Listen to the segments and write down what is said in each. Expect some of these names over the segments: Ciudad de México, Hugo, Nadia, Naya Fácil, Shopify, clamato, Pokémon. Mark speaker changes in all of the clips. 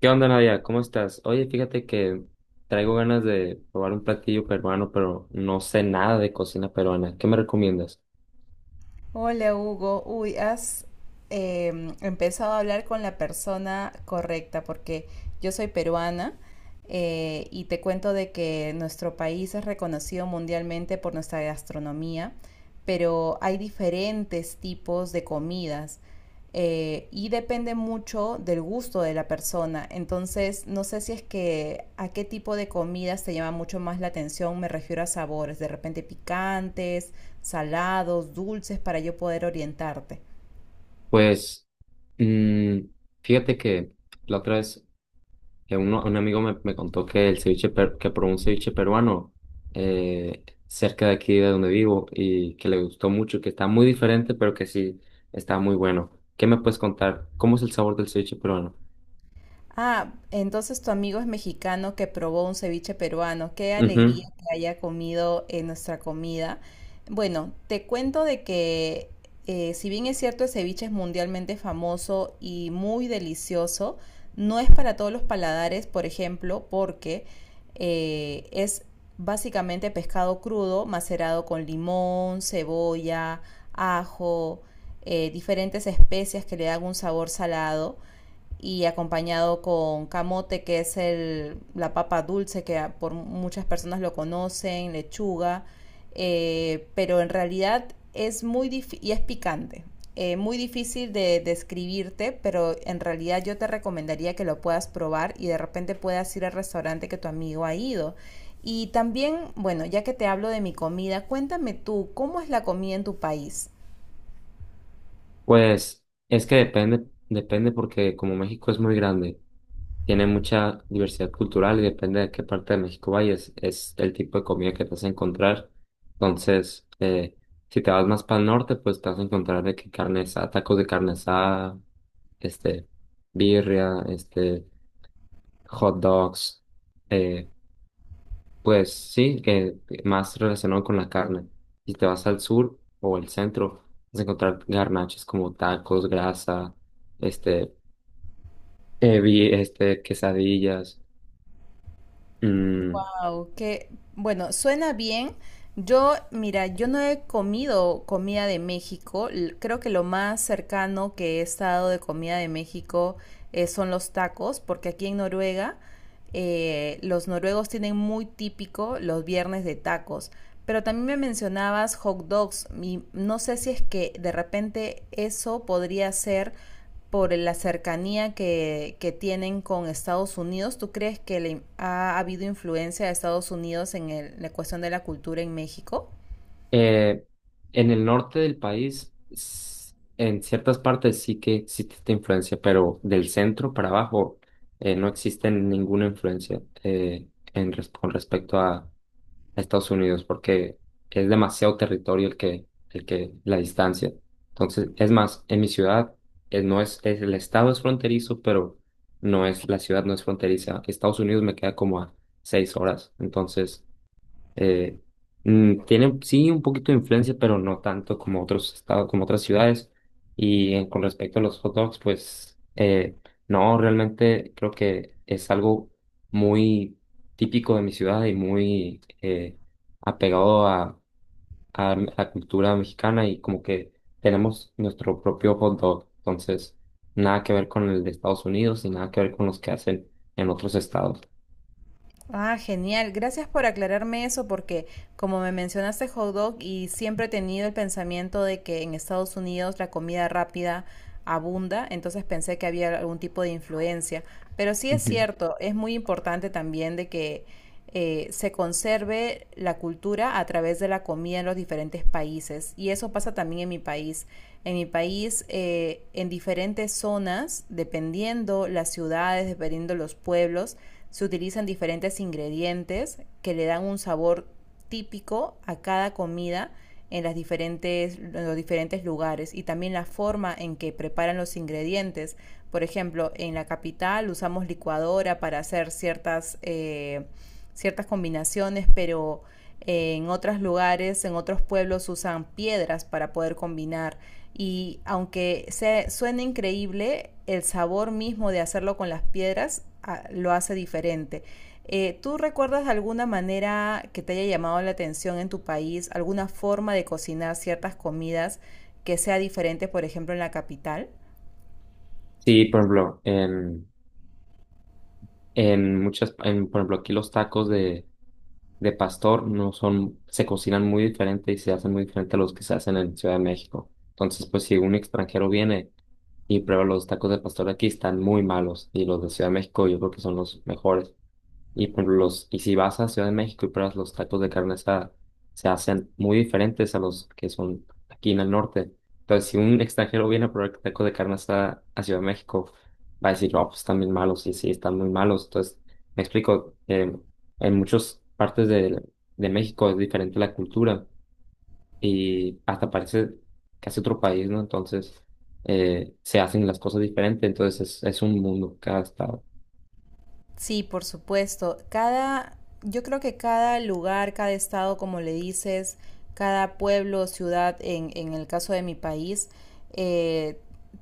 Speaker 1: ¿Qué onda, Nadia? ¿Cómo estás? Oye, fíjate que traigo ganas de probar un platillo peruano, pero no sé nada de cocina peruana. ¿Qué me recomiendas?
Speaker 2: Hola Hugo, uy, has empezado a hablar con la persona correcta porque yo soy peruana. Y te cuento de que nuestro país es reconocido mundialmente por nuestra gastronomía, pero hay diferentes tipos de comidas, y depende mucho del gusto de la persona. Entonces, no sé si es que a qué tipo de comidas te llama mucho más la atención, me refiero a sabores, de repente picantes, salados, dulces, para yo poder orientarte.
Speaker 1: Pues, mm, fíjate que la otra vez que un amigo me contó que el que probó un ceviche peruano cerca de aquí de donde vivo y que le gustó mucho, que está muy diferente, pero que sí está muy bueno. ¿Qué me puedes contar? ¿Cómo es el sabor del ceviche peruano?
Speaker 2: Ah, entonces tu amigo es mexicano que probó un ceviche peruano. Qué alegría que haya comido nuestra comida. Bueno, te cuento de que, si bien es cierto, el ceviche es mundialmente famoso y muy delicioso, no es para todos los paladares, por ejemplo, porque es básicamente pescado crudo macerado con limón, cebolla, ajo, diferentes especias que le dan un sabor salado y acompañado con camote, que es el, la papa dulce, que por muchas personas lo conocen, lechuga, pero en realidad es muy difícil y es picante. Muy difícil de describirte, pero en realidad yo te recomendaría que lo puedas probar y de repente puedas ir al restaurante que tu amigo ha ido. Y también, bueno, ya que te hablo de mi comida, cuéntame tú, ¿cómo es la comida en tu país?
Speaker 1: Pues es que depende, depende porque como México es muy grande, tiene mucha diversidad cultural y depende de qué parte de México vayas, es el tipo de comida que te vas a encontrar. Entonces, si te vas más para el norte, pues te vas a encontrar de que carne asada, tacos de carne asada, este, birria, hot dogs. eh, pues sí, más relacionado con la carne. Si te vas al sur o al centro, vas a encontrar garnachas como tacos, grasa, este, quesadillas. Mm,
Speaker 2: Wow, que bueno, suena bien. Yo, mira, yo no he comido comida de México. Creo que lo más cercano que he estado de comida de México, son los tacos, porque aquí en Noruega, los noruegos tienen muy típico los viernes de tacos. Pero también me mencionabas hot dogs y no sé si es que de repente eso podría ser por la cercanía que tienen con Estados Unidos. ¿Tú crees que le ha habido influencia de Estados Unidos en la cuestión de la cultura en México?
Speaker 1: eh, en el norte del país, en ciertas partes sí que sí existe esta influencia, pero del centro para abajo no existe ninguna influencia en con respecto a Estados Unidos porque es demasiado territorio el que, la distancia. Entonces, es más, en mi ciudad, no es, el estado es fronterizo, pero no es, la ciudad no es fronteriza. Estados Unidos me queda como a 6 horas. Entonces, eh, tiene sí un poquito de influencia, pero no tanto como otros estados, como otras ciudades. Y con respecto a los hot dogs, pues no, realmente creo que es algo muy típico de mi ciudad y muy apegado a la cultura mexicana y como que tenemos nuestro propio hot dog. Entonces, nada que ver con el de Estados Unidos y nada que ver con los que hacen en otros estados.
Speaker 2: Ah, genial. Gracias por aclararme eso porque, como me mencionaste hot dog, y siempre he tenido el pensamiento de que en Estados Unidos la comida rápida abunda, entonces pensé que había algún tipo de influencia. Pero sí es
Speaker 1: Ujú.
Speaker 2: cierto, es muy importante también de que se conserve la cultura a través de la comida en los diferentes países. Y eso pasa también en mi país. En mi país, en diferentes zonas, dependiendo las ciudades, dependiendo los pueblos, se utilizan diferentes ingredientes que le dan un sabor típico a cada comida en, las diferentes, en los diferentes lugares, y también la forma en que preparan los ingredientes. Por ejemplo, en la capital usamos licuadora para hacer ciertas, ciertas combinaciones, pero en otros lugares, en otros pueblos, usan piedras para poder combinar, y aunque se, suene increíble, el sabor mismo de hacerlo con las piedras a, lo hace diferente. ¿Tú recuerdas de alguna manera que te haya llamado la atención en tu país, alguna forma de cocinar ciertas comidas que sea diferente, por ejemplo, en la capital?
Speaker 1: Sí, por ejemplo, en muchas, en, por ejemplo, aquí los tacos de pastor no son, se cocinan muy diferente y se hacen muy diferente a los que se hacen en Ciudad de México. Entonces, pues si un extranjero viene y prueba los tacos de pastor de aquí, están muy malos y los de Ciudad de México yo creo que son los mejores. Y, por ejemplo, los, y si vas a Ciudad de México y pruebas los tacos de carne asada, se hacen muy diferentes a los que son aquí en el norte. Entonces, si un extranjero viene a probar tacos de carne asada a Ciudad de México, va a decir, oh, pues están bien malos, y sí, están muy malos. Entonces, me explico, en muchas partes de México es diferente la cultura y hasta parece casi otro país, ¿no? Entonces, se hacen las cosas diferentes, entonces es un mundo cada estado.
Speaker 2: Sí, por supuesto. Cada, yo creo que cada lugar, cada estado, como le dices, cada pueblo, ciudad, en el caso de mi país, eh,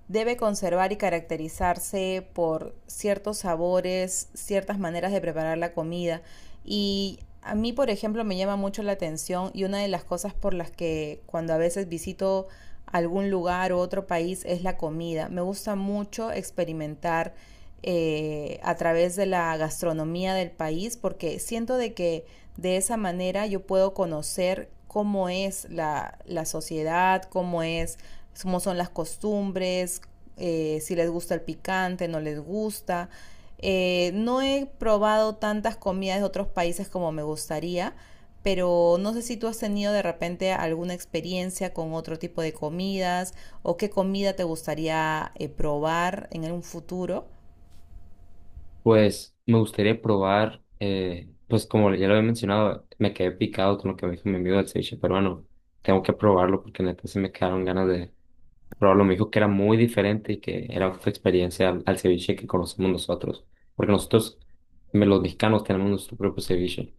Speaker 2: debe conservar y caracterizarse por ciertos sabores, ciertas maneras de preparar la comida. Y a mí, por ejemplo, me llama mucho la atención, y una de las cosas por las que cuando a veces visito algún lugar u otro país es la comida. Me gusta mucho experimentar a través de la gastronomía del país, porque siento de que de esa manera yo puedo conocer cómo es la, la sociedad, cómo es, cómo son las costumbres, si les gusta el picante, no les gusta. No he probado tantas comidas de otros países como me gustaría, pero no sé si tú has tenido de repente alguna experiencia con otro tipo de comidas, o qué comida te gustaría probar en un futuro.
Speaker 1: Pues me gustaría probar, pues como ya lo había mencionado, me quedé picado con lo que me dijo mi amigo del ceviche peruano. Tengo que probarlo porque neta se me quedaron ganas de probarlo. Me dijo que era muy diferente y que era otra experiencia al, al ceviche que conocemos nosotros. Porque nosotros, los mexicanos, tenemos nuestro propio ceviche.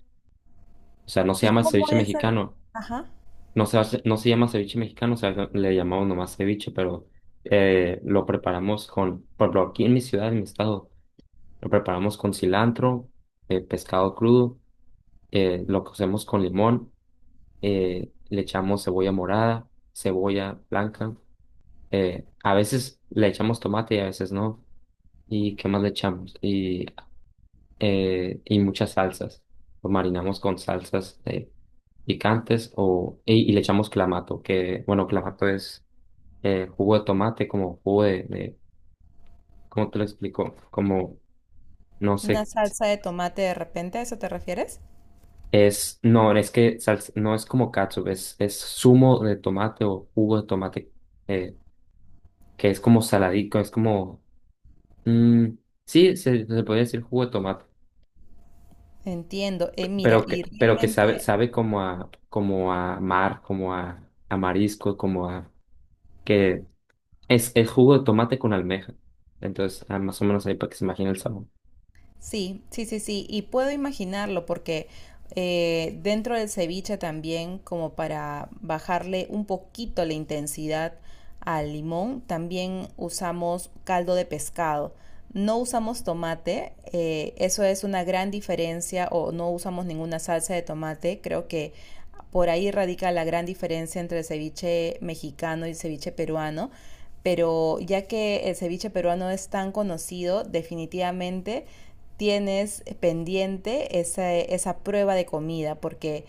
Speaker 1: O sea, no se
Speaker 2: ¿Y
Speaker 1: llama
Speaker 2: cómo
Speaker 1: ceviche
Speaker 2: es el...
Speaker 1: mexicano,
Speaker 2: Ajá,
Speaker 1: no se, no se llama ceviche mexicano, o sea, le llamamos nomás ceviche, pero lo preparamos con, por ejemplo, aquí en mi ciudad, en mi estado. Lo preparamos con cilantro, pescado crudo, lo cocemos con limón, le echamos cebolla morada, cebolla blanca, a veces le echamos tomate y a veces no. ¿Y qué más le echamos? Y muchas salsas. Lo marinamos con salsas picantes o, y le echamos clamato, que bueno, clamato es jugo de tomate, como jugo de, ¿cómo te lo explico? Como, no
Speaker 2: una
Speaker 1: sé.
Speaker 2: salsa de tomate de repente, ¿a eso te refieres?
Speaker 1: Es, no, es que no es como catsup, es zumo de tomate o jugo de tomate, eh, que es como saladico, es como, mm, sí, se podría decir jugo de tomate,
Speaker 2: Entiendo. Mira, y
Speaker 1: pero que sabe,
Speaker 2: realmente
Speaker 1: sabe como a, como a mar, como a marisco, como a, que es jugo de tomate con almeja. Entonces, ah, más o menos ahí para que se imagine el sabor.
Speaker 2: sí, sí, sí, sí. Y puedo imaginarlo porque dentro del ceviche también, como para bajarle un poquito la intensidad al limón, también usamos caldo de pescado. No usamos tomate, eso es una gran diferencia, o no usamos ninguna salsa de tomate. Creo que por ahí radica la gran diferencia entre el ceviche mexicano y el ceviche peruano, pero ya que el ceviche peruano es tan conocido, definitivamente tienes pendiente esa, esa prueba de comida, porque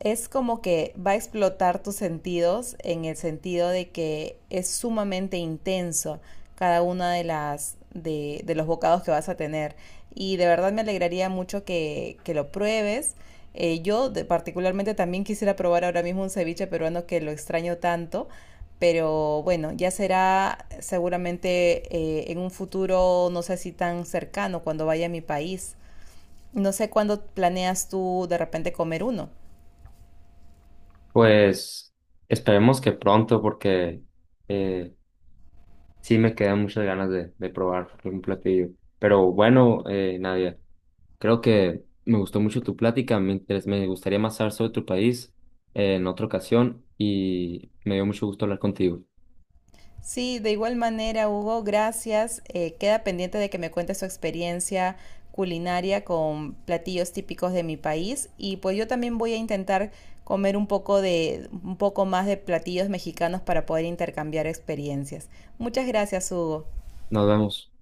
Speaker 2: es como que va a explotar tus sentidos, en el sentido de que es sumamente intenso cada una de las de los bocados que vas a tener. Y de verdad me alegraría mucho que lo pruebes. Yo particularmente también quisiera probar ahora mismo un ceviche peruano que lo extraño tanto, pero bueno, ya será seguramente en un futuro, no sé si tan cercano, cuando vaya a mi país. No sé cuándo planeas tú de repente comer uno.
Speaker 1: Pues, esperemos que pronto, porque, eh, sí, me quedan muchas ganas de probar algún platillo. Pero bueno, Nadia, creo que me gustó mucho tu plática. Me, me gustaría más saber sobre tu país en otra ocasión y me dio mucho gusto hablar contigo.
Speaker 2: Sí, de igual manera, Hugo, gracias. Queda pendiente de que me cuentes su experiencia culinaria con platillos típicos de mi país, y pues yo también voy a intentar comer un poco de un poco más de platillos mexicanos para poder intercambiar experiencias. Muchas gracias, Hugo.
Speaker 1: Nos vemos.